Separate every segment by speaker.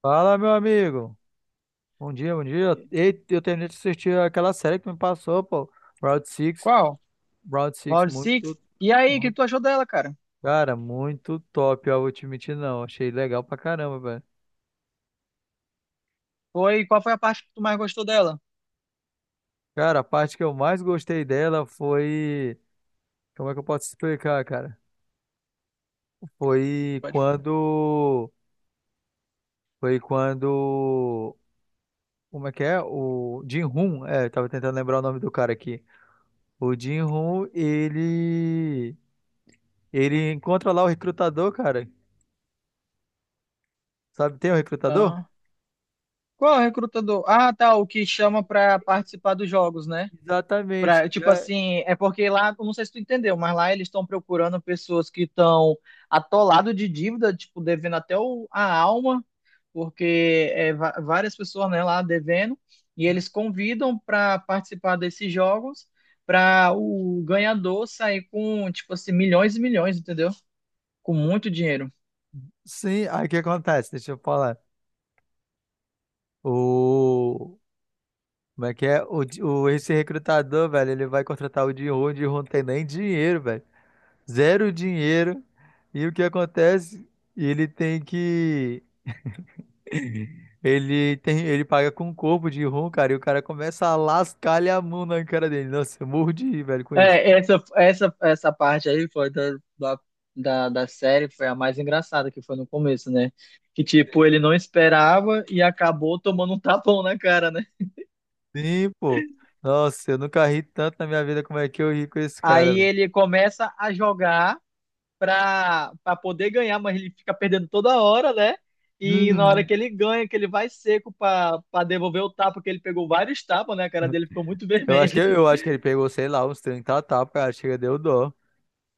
Speaker 1: Fala, meu amigo. Bom dia, bom dia. Ei, eu terminei de assistir aquela série que tu me passou, pô. Round Six,
Speaker 2: Qual?
Speaker 1: Round Six,
Speaker 2: Round Six? E aí, o que
Speaker 1: muito,
Speaker 2: tu achou dela, cara?
Speaker 1: cara, muito top. Eu vou te mentir, não. Achei legal pra caramba, velho.
Speaker 2: Qual foi a parte que tu mais gostou dela?
Speaker 1: Cara, a parte que eu mais gostei dela foi. Como é que eu posso explicar, cara? Foi
Speaker 2: Pode falar.
Speaker 1: quando. Foi quando. Como é que é? O Jin-Hoon. É, eu tava tentando lembrar o nome do cara aqui. O Jin-Hoon, ele. Ele encontra lá o recrutador, cara. Sabe, tem um recrutador?
Speaker 2: Ah. Qual é o recrutador? Ah, tá, o que chama pra participar dos jogos, né?
Speaker 1: Exatamente.
Speaker 2: Pra,
Speaker 1: Que
Speaker 2: tipo
Speaker 1: é-
Speaker 2: assim, é porque lá, eu não sei se tu entendeu, mas lá eles estão procurando pessoas que estão atolado de dívida, tipo, devendo até a alma, porque várias pessoas, né, lá devendo, e eles convidam para participar desses jogos para o ganhador sair com, tipo assim, milhões e milhões, entendeu? Com muito dinheiro.
Speaker 1: Sim, aí o que acontece? Deixa eu falar. O. Como é que é? O, Di- o, esse recrutador, velho, ele vai contratar o Jin-Ho não tem nem dinheiro, velho. Zero dinheiro. E o que acontece? Ele tem que. Ele tem, ele paga com o corpo de rum, cara, e o cara começa a lascar-lhe a mão na cara dele. Nossa, eu morro de rir, velho, com isso.
Speaker 2: É, essa parte aí foi da, da série foi a mais engraçada, que foi no começo, né? Que, tipo, ele não esperava e acabou tomando um tapão na cara, né?
Speaker 1: Sim, pô. Nossa, eu nunca ri tanto na minha vida como é que eu ri com esse cara,
Speaker 2: Aí
Speaker 1: velho.
Speaker 2: ele começa a jogar para poder ganhar, mas ele fica perdendo toda hora, né? E na hora
Speaker 1: Uhum.
Speaker 2: que ele ganha, que ele vai seco para pra devolver o tapa, que ele pegou vários tapas, né? A cara dele ficou muito
Speaker 1: Eu acho que,
Speaker 2: vermelha.
Speaker 1: eu acho que ele pegou, sei lá, uns 30 tapas, cara, chega, deu dó.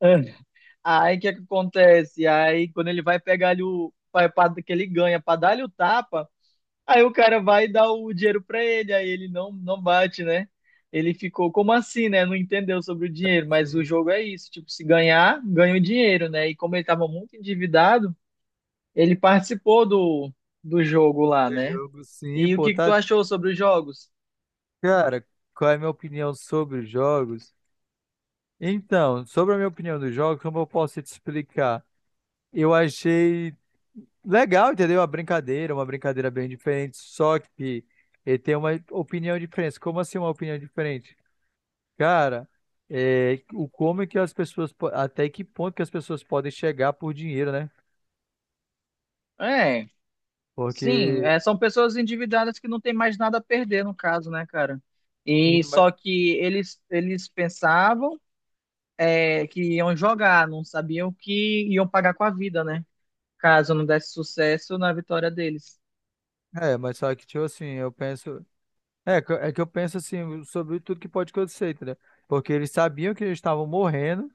Speaker 2: Aí o que que acontece? Aí quando ele vai pegar ali o. Que ele ganha para dar-lhe o tapa, aí o cara vai dar o dinheiro para ele, aí ele não bate, né? Ele ficou, como assim, né? Não entendeu sobre o dinheiro, mas o
Speaker 1: Sim.
Speaker 2: jogo é isso. Tipo, se ganhar, ganha o dinheiro, né? E como ele estava muito endividado. Ele participou do jogo lá,
Speaker 1: O
Speaker 2: né?
Speaker 1: jogo, sim,
Speaker 2: E o
Speaker 1: pô,
Speaker 2: que que tu
Speaker 1: tá.
Speaker 2: achou sobre os jogos?
Speaker 1: Cara, qual é a minha opinião sobre os jogos? Então, sobre a minha opinião dos jogos, como eu posso te explicar? Eu achei legal, entendeu? A brincadeira, uma brincadeira bem diferente, só que ele tem uma opinião diferente. Como assim uma opinião diferente? Cara, é, o como é que as pessoas, po- até que ponto que as pessoas podem chegar por dinheiro, né?
Speaker 2: É, sim,
Speaker 1: Porque
Speaker 2: são pessoas endividadas que não tem mais nada a perder, no caso, né, cara? E só que eles pensavam que iam jogar, não sabiam que iam pagar com a vida, né? Caso não desse sucesso na vitória deles.
Speaker 1: é, mas só que, tipo assim, eu penso. É que eu penso assim sobre tudo que pode acontecer, entendeu? Porque eles sabiam que eles estavam morrendo,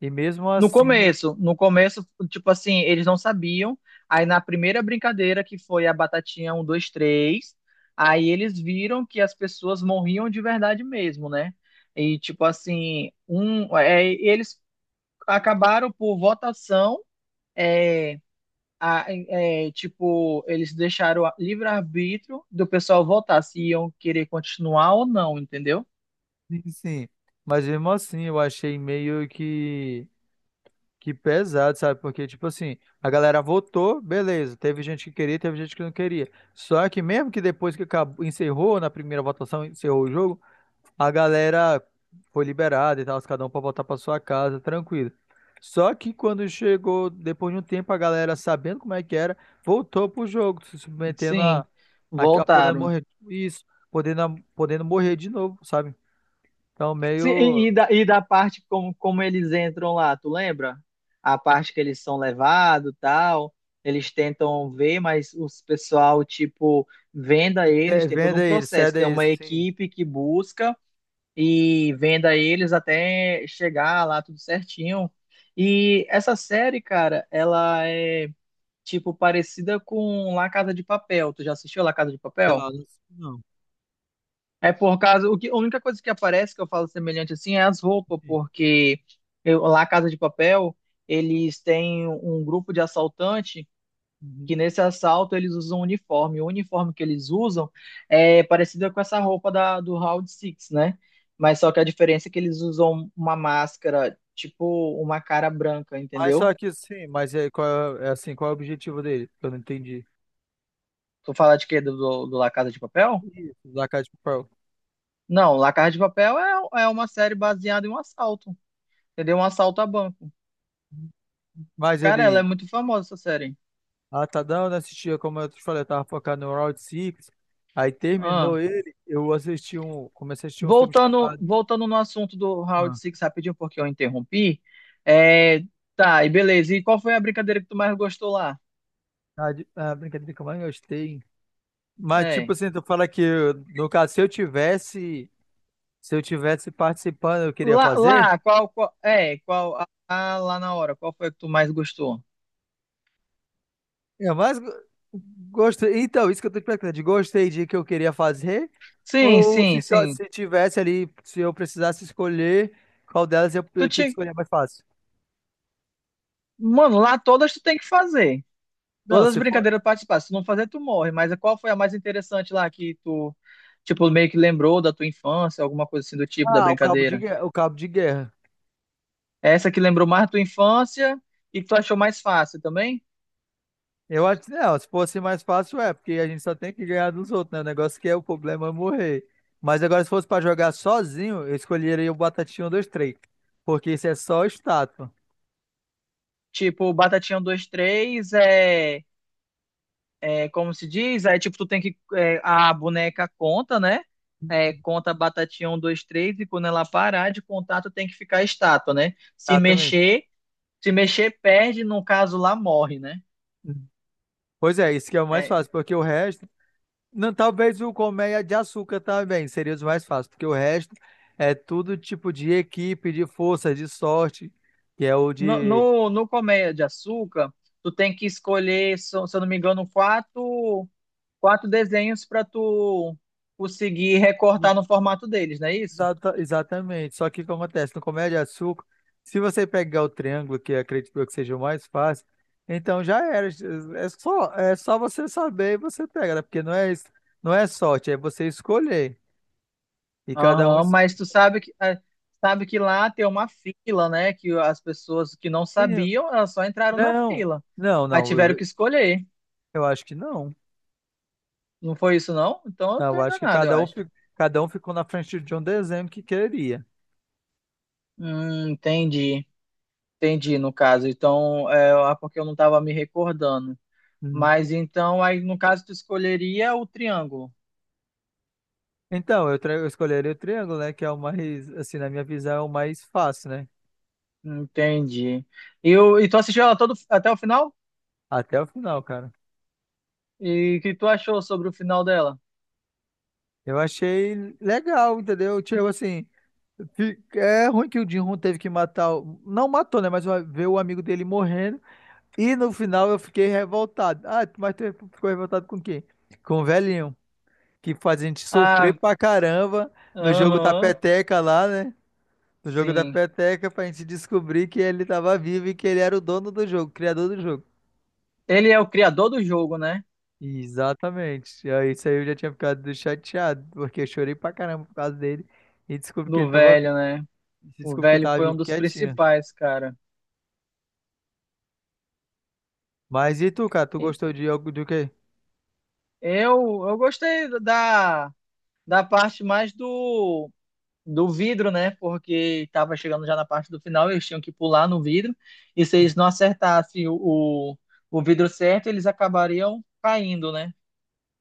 Speaker 1: e mesmo
Speaker 2: No
Speaker 1: assim, eles-
Speaker 2: começo, no começo, tipo assim, eles não sabiam. Aí na primeira brincadeira, que foi a batatinha um, dois, três, aí eles viram que as pessoas morriam de verdade mesmo, né? E tipo assim, eles acabaram por votação, é, tipo, eles deixaram livre-arbítrio do pessoal votar se iam querer continuar ou não, entendeu?
Speaker 1: sim. Sim. Mas mesmo assim, eu achei meio que pesado, sabe? Porque, tipo assim, a galera votou, beleza. Teve gente que queria, teve gente que não queria. Só que mesmo que depois que acabou, encerrou na primeira votação, encerrou o jogo. A galera foi liberada e tal, cada um pra voltar pra sua casa, tranquilo. Só que quando chegou, depois de um tempo, a galera, sabendo como é que era, voltou pro jogo, se submetendo
Speaker 2: Sim,
Speaker 1: a, podendo
Speaker 2: voltaram.
Speaker 1: morrer. Isso, podendo, a- podendo morrer de novo, sabe? Então,
Speaker 2: Sim,
Speaker 1: meio.
Speaker 2: e da parte como eles entram lá, tu lembra? A parte que eles são levados, tal, eles tentam ver, mas os pessoal, tipo, venda eles,
Speaker 1: É,
Speaker 2: tem todo um
Speaker 1: venda eles,
Speaker 2: processo.
Speaker 1: cede
Speaker 2: Tem
Speaker 1: eles,
Speaker 2: uma
Speaker 1: sim.
Speaker 2: equipe que busca e venda eles até chegar lá tudo certinho. E essa série, cara, ela é, tipo, parecida com La Casa de Papel. Tu já assistiu La Casa de
Speaker 1: Não,
Speaker 2: Papel?
Speaker 1: não. Não,
Speaker 2: É por causa, o que, a única coisa que aparece que eu falo semelhante assim é as roupas,
Speaker 1: sim.
Speaker 2: porque lá Casa de Papel, eles têm um grupo de assaltante que
Speaker 1: Uhum.
Speaker 2: nesse assalto eles usam um uniforme. O uniforme que eles usam é parecido com essa roupa do Round Six, né? Mas só que a diferença é que eles usam uma máscara, tipo uma cara branca,
Speaker 1: Mas só
Speaker 2: entendeu?
Speaker 1: que sim, mas é, qual é, é assim, qual é o objetivo dele? Eu não entendi.
Speaker 2: Tu fala de quê? Do La Casa de Papel?
Speaker 1: Isso, Zaca de Papel.
Speaker 2: Não, La Casa de Papel é uma série baseada em um assalto, entendeu? Um assalto a banco.
Speaker 1: Mas
Speaker 2: Cara, ela é
Speaker 1: ele.
Speaker 2: muito famosa essa série.
Speaker 1: Ah, tá não, né? Assistia, como eu te falei, eu tava focado no Round Six. Aí
Speaker 2: Ah,
Speaker 1: terminou ele, eu assisti um, comecei a assistir um filme
Speaker 2: voltando,
Speaker 1: chamado
Speaker 2: voltando no assunto do Round
Speaker 1: Ah,
Speaker 2: Six rapidinho, porque eu interrompi. É, tá, e beleza. E qual foi a brincadeira que tu mais gostou lá?
Speaker 1: ah, de- ah, brincadeira que eu mais gostei. Mas tipo
Speaker 2: É.
Speaker 1: assim, tu fala que eu- no caso, se eu tivesse, se eu tivesse participando, eu queria
Speaker 2: Lá,
Speaker 1: fazer?
Speaker 2: lá, qual, qual, é, qual, a, a- lá na hora, qual foi a que tu mais gostou?
Speaker 1: Eu mais go- gostei. Então, isso que eu tô te perguntando, de gostei de que eu queria fazer
Speaker 2: Sim,
Speaker 1: ou se
Speaker 2: sim,
Speaker 1: só,
Speaker 2: sim.
Speaker 1: se tivesse ali, se eu precisasse escolher qual delas eu
Speaker 2: Tu
Speaker 1: tinha que
Speaker 2: tinha,
Speaker 1: escolher a mais fácil.
Speaker 2: mano, lá todas tu tem que fazer.
Speaker 1: Não,
Speaker 2: Todas as
Speaker 1: se for
Speaker 2: brincadeiras participar. Se tu não fazer, tu morre. Mas qual foi a mais interessante lá que tu, tipo, meio que lembrou da tua infância, alguma coisa assim do tipo da
Speaker 1: Ah, o cabo de
Speaker 2: brincadeira?
Speaker 1: guerra, o cabo de guerra.
Speaker 2: Essa que lembrou mais da tua infância e que tu achou mais fácil também?
Speaker 1: Eu acho que não, se fosse mais fácil, é, porque a gente só tem que ganhar dos outros, né? O negócio que é o problema é morrer. Mas agora, se fosse pra jogar sozinho, eu escolheria o Batatinha 1, 2, 3. Porque isso é só estátua.
Speaker 2: Tipo, Batatinha um dois três é como se diz? É tipo, tu tem que. A boneca conta, né? É, conta Batatinha um dois três e quando ela parar de contar, tu tem que ficar estátua, né? Se
Speaker 1: Exatamente.
Speaker 2: mexer, se mexer, perde, no caso lá, morre, né?
Speaker 1: Pois é, isso que é o mais
Speaker 2: É,
Speaker 1: fácil, porque o resto. Não, talvez o colmeia de açúcar também seria os mais fáceis, porque o resto é tudo tipo de equipe, de força, de sorte, que é o
Speaker 2: no,
Speaker 1: de.
Speaker 2: no, no Colmeia de Açúcar, tu tem que escolher, se eu não me engano, Quatro. Desenhos para tu conseguir recortar no formato deles, não é isso?
Speaker 1: Exata- exatamente. Só que o que acontece? No Comédia de Açúcar, se você pegar o triângulo, que eu acredito eu que seja o mais fácil, então já era. É só você saber e você pega, né? Porque não é, es- não é sorte, é você escolher. E cada um.
Speaker 2: Aham,
Speaker 1: Es-
Speaker 2: mas tu sabe que lá tem uma fila, né? Que as pessoas que não sabiam, elas só entraram na
Speaker 1: Não,
Speaker 2: fila.
Speaker 1: não,
Speaker 2: Aí
Speaker 1: não.
Speaker 2: tiveram que escolher.
Speaker 1: Eu acho que não.
Speaker 2: Não foi isso, não? Então eu
Speaker 1: Eu
Speaker 2: tô
Speaker 1: acho que
Speaker 2: enganado, eu
Speaker 1: cada um,
Speaker 2: acho.
Speaker 1: fi- cada um ficou na frente de um desenho que queria.
Speaker 2: Entendi. Entendi, no caso. Então, porque eu não tava me recordando.
Speaker 1: Uhum.
Speaker 2: Mas então, aí no caso, tu escolheria o triângulo.
Speaker 1: Então, eu, tra- eu escolheria o triângulo, né? Que é o mais, assim, na minha visão, é o mais fácil, né?
Speaker 2: Entendi. E tu assistiu ela todo, até o final?
Speaker 1: Até o final, cara.
Speaker 2: E o que tu achou sobre o final dela?
Speaker 1: Eu achei legal, entendeu? Tipo assim, fi- é ruim que o Jin-Hoon teve que matar, o- não matou, né? Mas o- ver o amigo dele morrendo. E no final eu fiquei revoltado. Ah, mas tu ficou revoltado com quem? Com o velhinho, que faz a gente sofrer
Speaker 2: Ah,
Speaker 1: pra caramba no jogo da
Speaker 2: aham,
Speaker 1: peteca lá, né? No jogo da
Speaker 2: sim.
Speaker 1: peteca pra gente descobrir que ele tava vivo e que ele era o dono do jogo, o criador do jogo.
Speaker 2: Ele é o criador do jogo, né?
Speaker 1: Exatamente. E aí isso aí eu já tinha ficado chateado, porque eu chorei pra caramba por causa dele e descobri que ele
Speaker 2: Do
Speaker 1: tava
Speaker 2: velho,
Speaker 1: vivo.
Speaker 2: né?
Speaker 1: Esse
Speaker 2: O
Speaker 1: desculpa que ele
Speaker 2: velho
Speaker 1: tava
Speaker 2: foi um
Speaker 1: vivo
Speaker 2: dos
Speaker 1: quietinho.
Speaker 2: principais, cara.
Speaker 1: Mas e tu, cara? Tu
Speaker 2: E
Speaker 1: gostou de algo do quê?
Speaker 2: eu gostei da parte mais do vidro, né? Porque tava chegando já na parte do final, eles tinham que pular no vidro. E se eles não acertassem o vidro certo, eles acabariam caindo, né?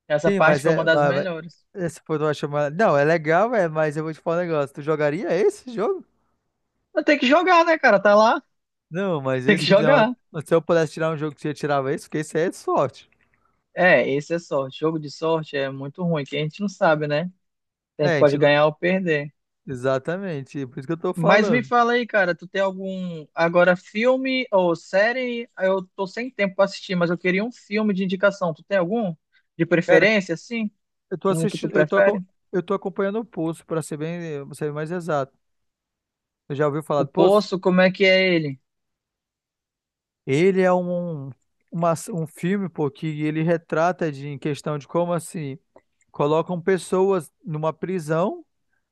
Speaker 2: Essa
Speaker 1: Sim,
Speaker 2: parte
Speaker 1: mas
Speaker 2: foi uma
Speaker 1: é.
Speaker 2: das
Speaker 1: Mas-
Speaker 2: melhores.
Speaker 1: essa foi uma chamada. Não, é legal, é, mas eu vou te falar um negócio. Tu jogaria esse jogo?
Speaker 2: Mas tem que jogar, né, cara? Tá lá,
Speaker 1: Não, mas
Speaker 2: tem que
Speaker 1: esse.
Speaker 2: jogar.
Speaker 1: Se eu pudesse tirar um jogo que você tirava esse, porque esse aí é de sorte.
Speaker 2: É, esse é sorte. Jogo de sorte é muito ruim, que a gente não sabe, né? A gente
Speaker 1: É, a gente
Speaker 2: pode
Speaker 1: não...
Speaker 2: ganhar ou perder.
Speaker 1: Exatamente, por isso que eu tô
Speaker 2: Mas me
Speaker 1: falando.
Speaker 2: fala aí, cara, tu tem algum agora filme ou série? Eu tô sem tempo pra assistir, mas eu queria um filme de indicação. Tu tem algum de
Speaker 1: Cara,
Speaker 2: preferência, assim?
Speaker 1: eu tô
Speaker 2: Um que tu
Speaker 1: assistindo, eu tô,
Speaker 2: prefere?
Speaker 1: aco- eu tô acompanhando o Poço, pra ser bem, pra ser mais exato. Você já ouviu falar
Speaker 2: O
Speaker 1: do Poço?
Speaker 2: Poço, como é que é ele?
Speaker 1: Ele é um, uma, um filme, pô, que ele retrata de, em questão de como assim. Colocam pessoas numa prisão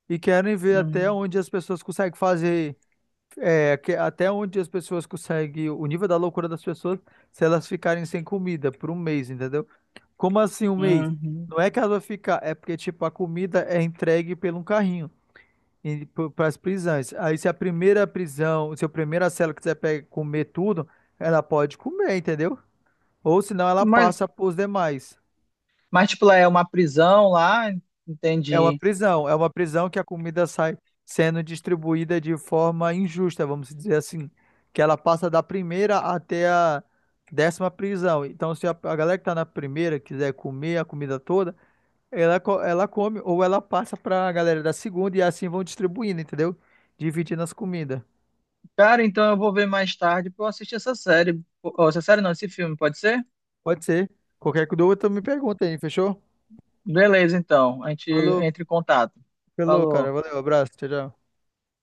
Speaker 1: e querem ver até
Speaker 2: Uhum,
Speaker 1: onde as pessoas conseguem fazer, é, que- até onde as pessoas conseguem, o nível da loucura das pessoas, se elas ficarem sem comida por um mês, entendeu? Como assim um mês?
Speaker 2: uhum.
Speaker 1: Não é que ela vai ficar, é porque, tipo, a comida é entregue pelo um carrinho para as prisões. Aí, se a primeira prisão, se a primeira cela quiser pe- comer tudo, ela pode comer, entendeu? Ou senão ela
Speaker 2: Mas,
Speaker 1: passa para os demais.
Speaker 2: mas tipo, lá é uma prisão lá, entendi.
Speaker 1: É uma prisão que a comida sai sendo distribuída de forma injusta, vamos dizer assim, que ela passa da primeira até a décima prisão. Então, se a, a galera que tá na primeira quiser comer a comida toda, ela, co- ela come ou ela passa pra galera da segunda e assim vão distribuindo, entendeu? Dividindo as comidas.
Speaker 2: Cara, então eu vou ver mais tarde pra eu assistir essa série. Ou essa série não, esse filme, pode ser?
Speaker 1: Pode ser. Qualquer dúvida, tu me pergunta aí, fechou?
Speaker 2: Beleza, então. A gente
Speaker 1: Falou,
Speaker 2: entra em contato.
Speaker 1: falou, cara.
Speaker 2: Falou.
Speaker 1: Valeu, abraço, tchau, tchau.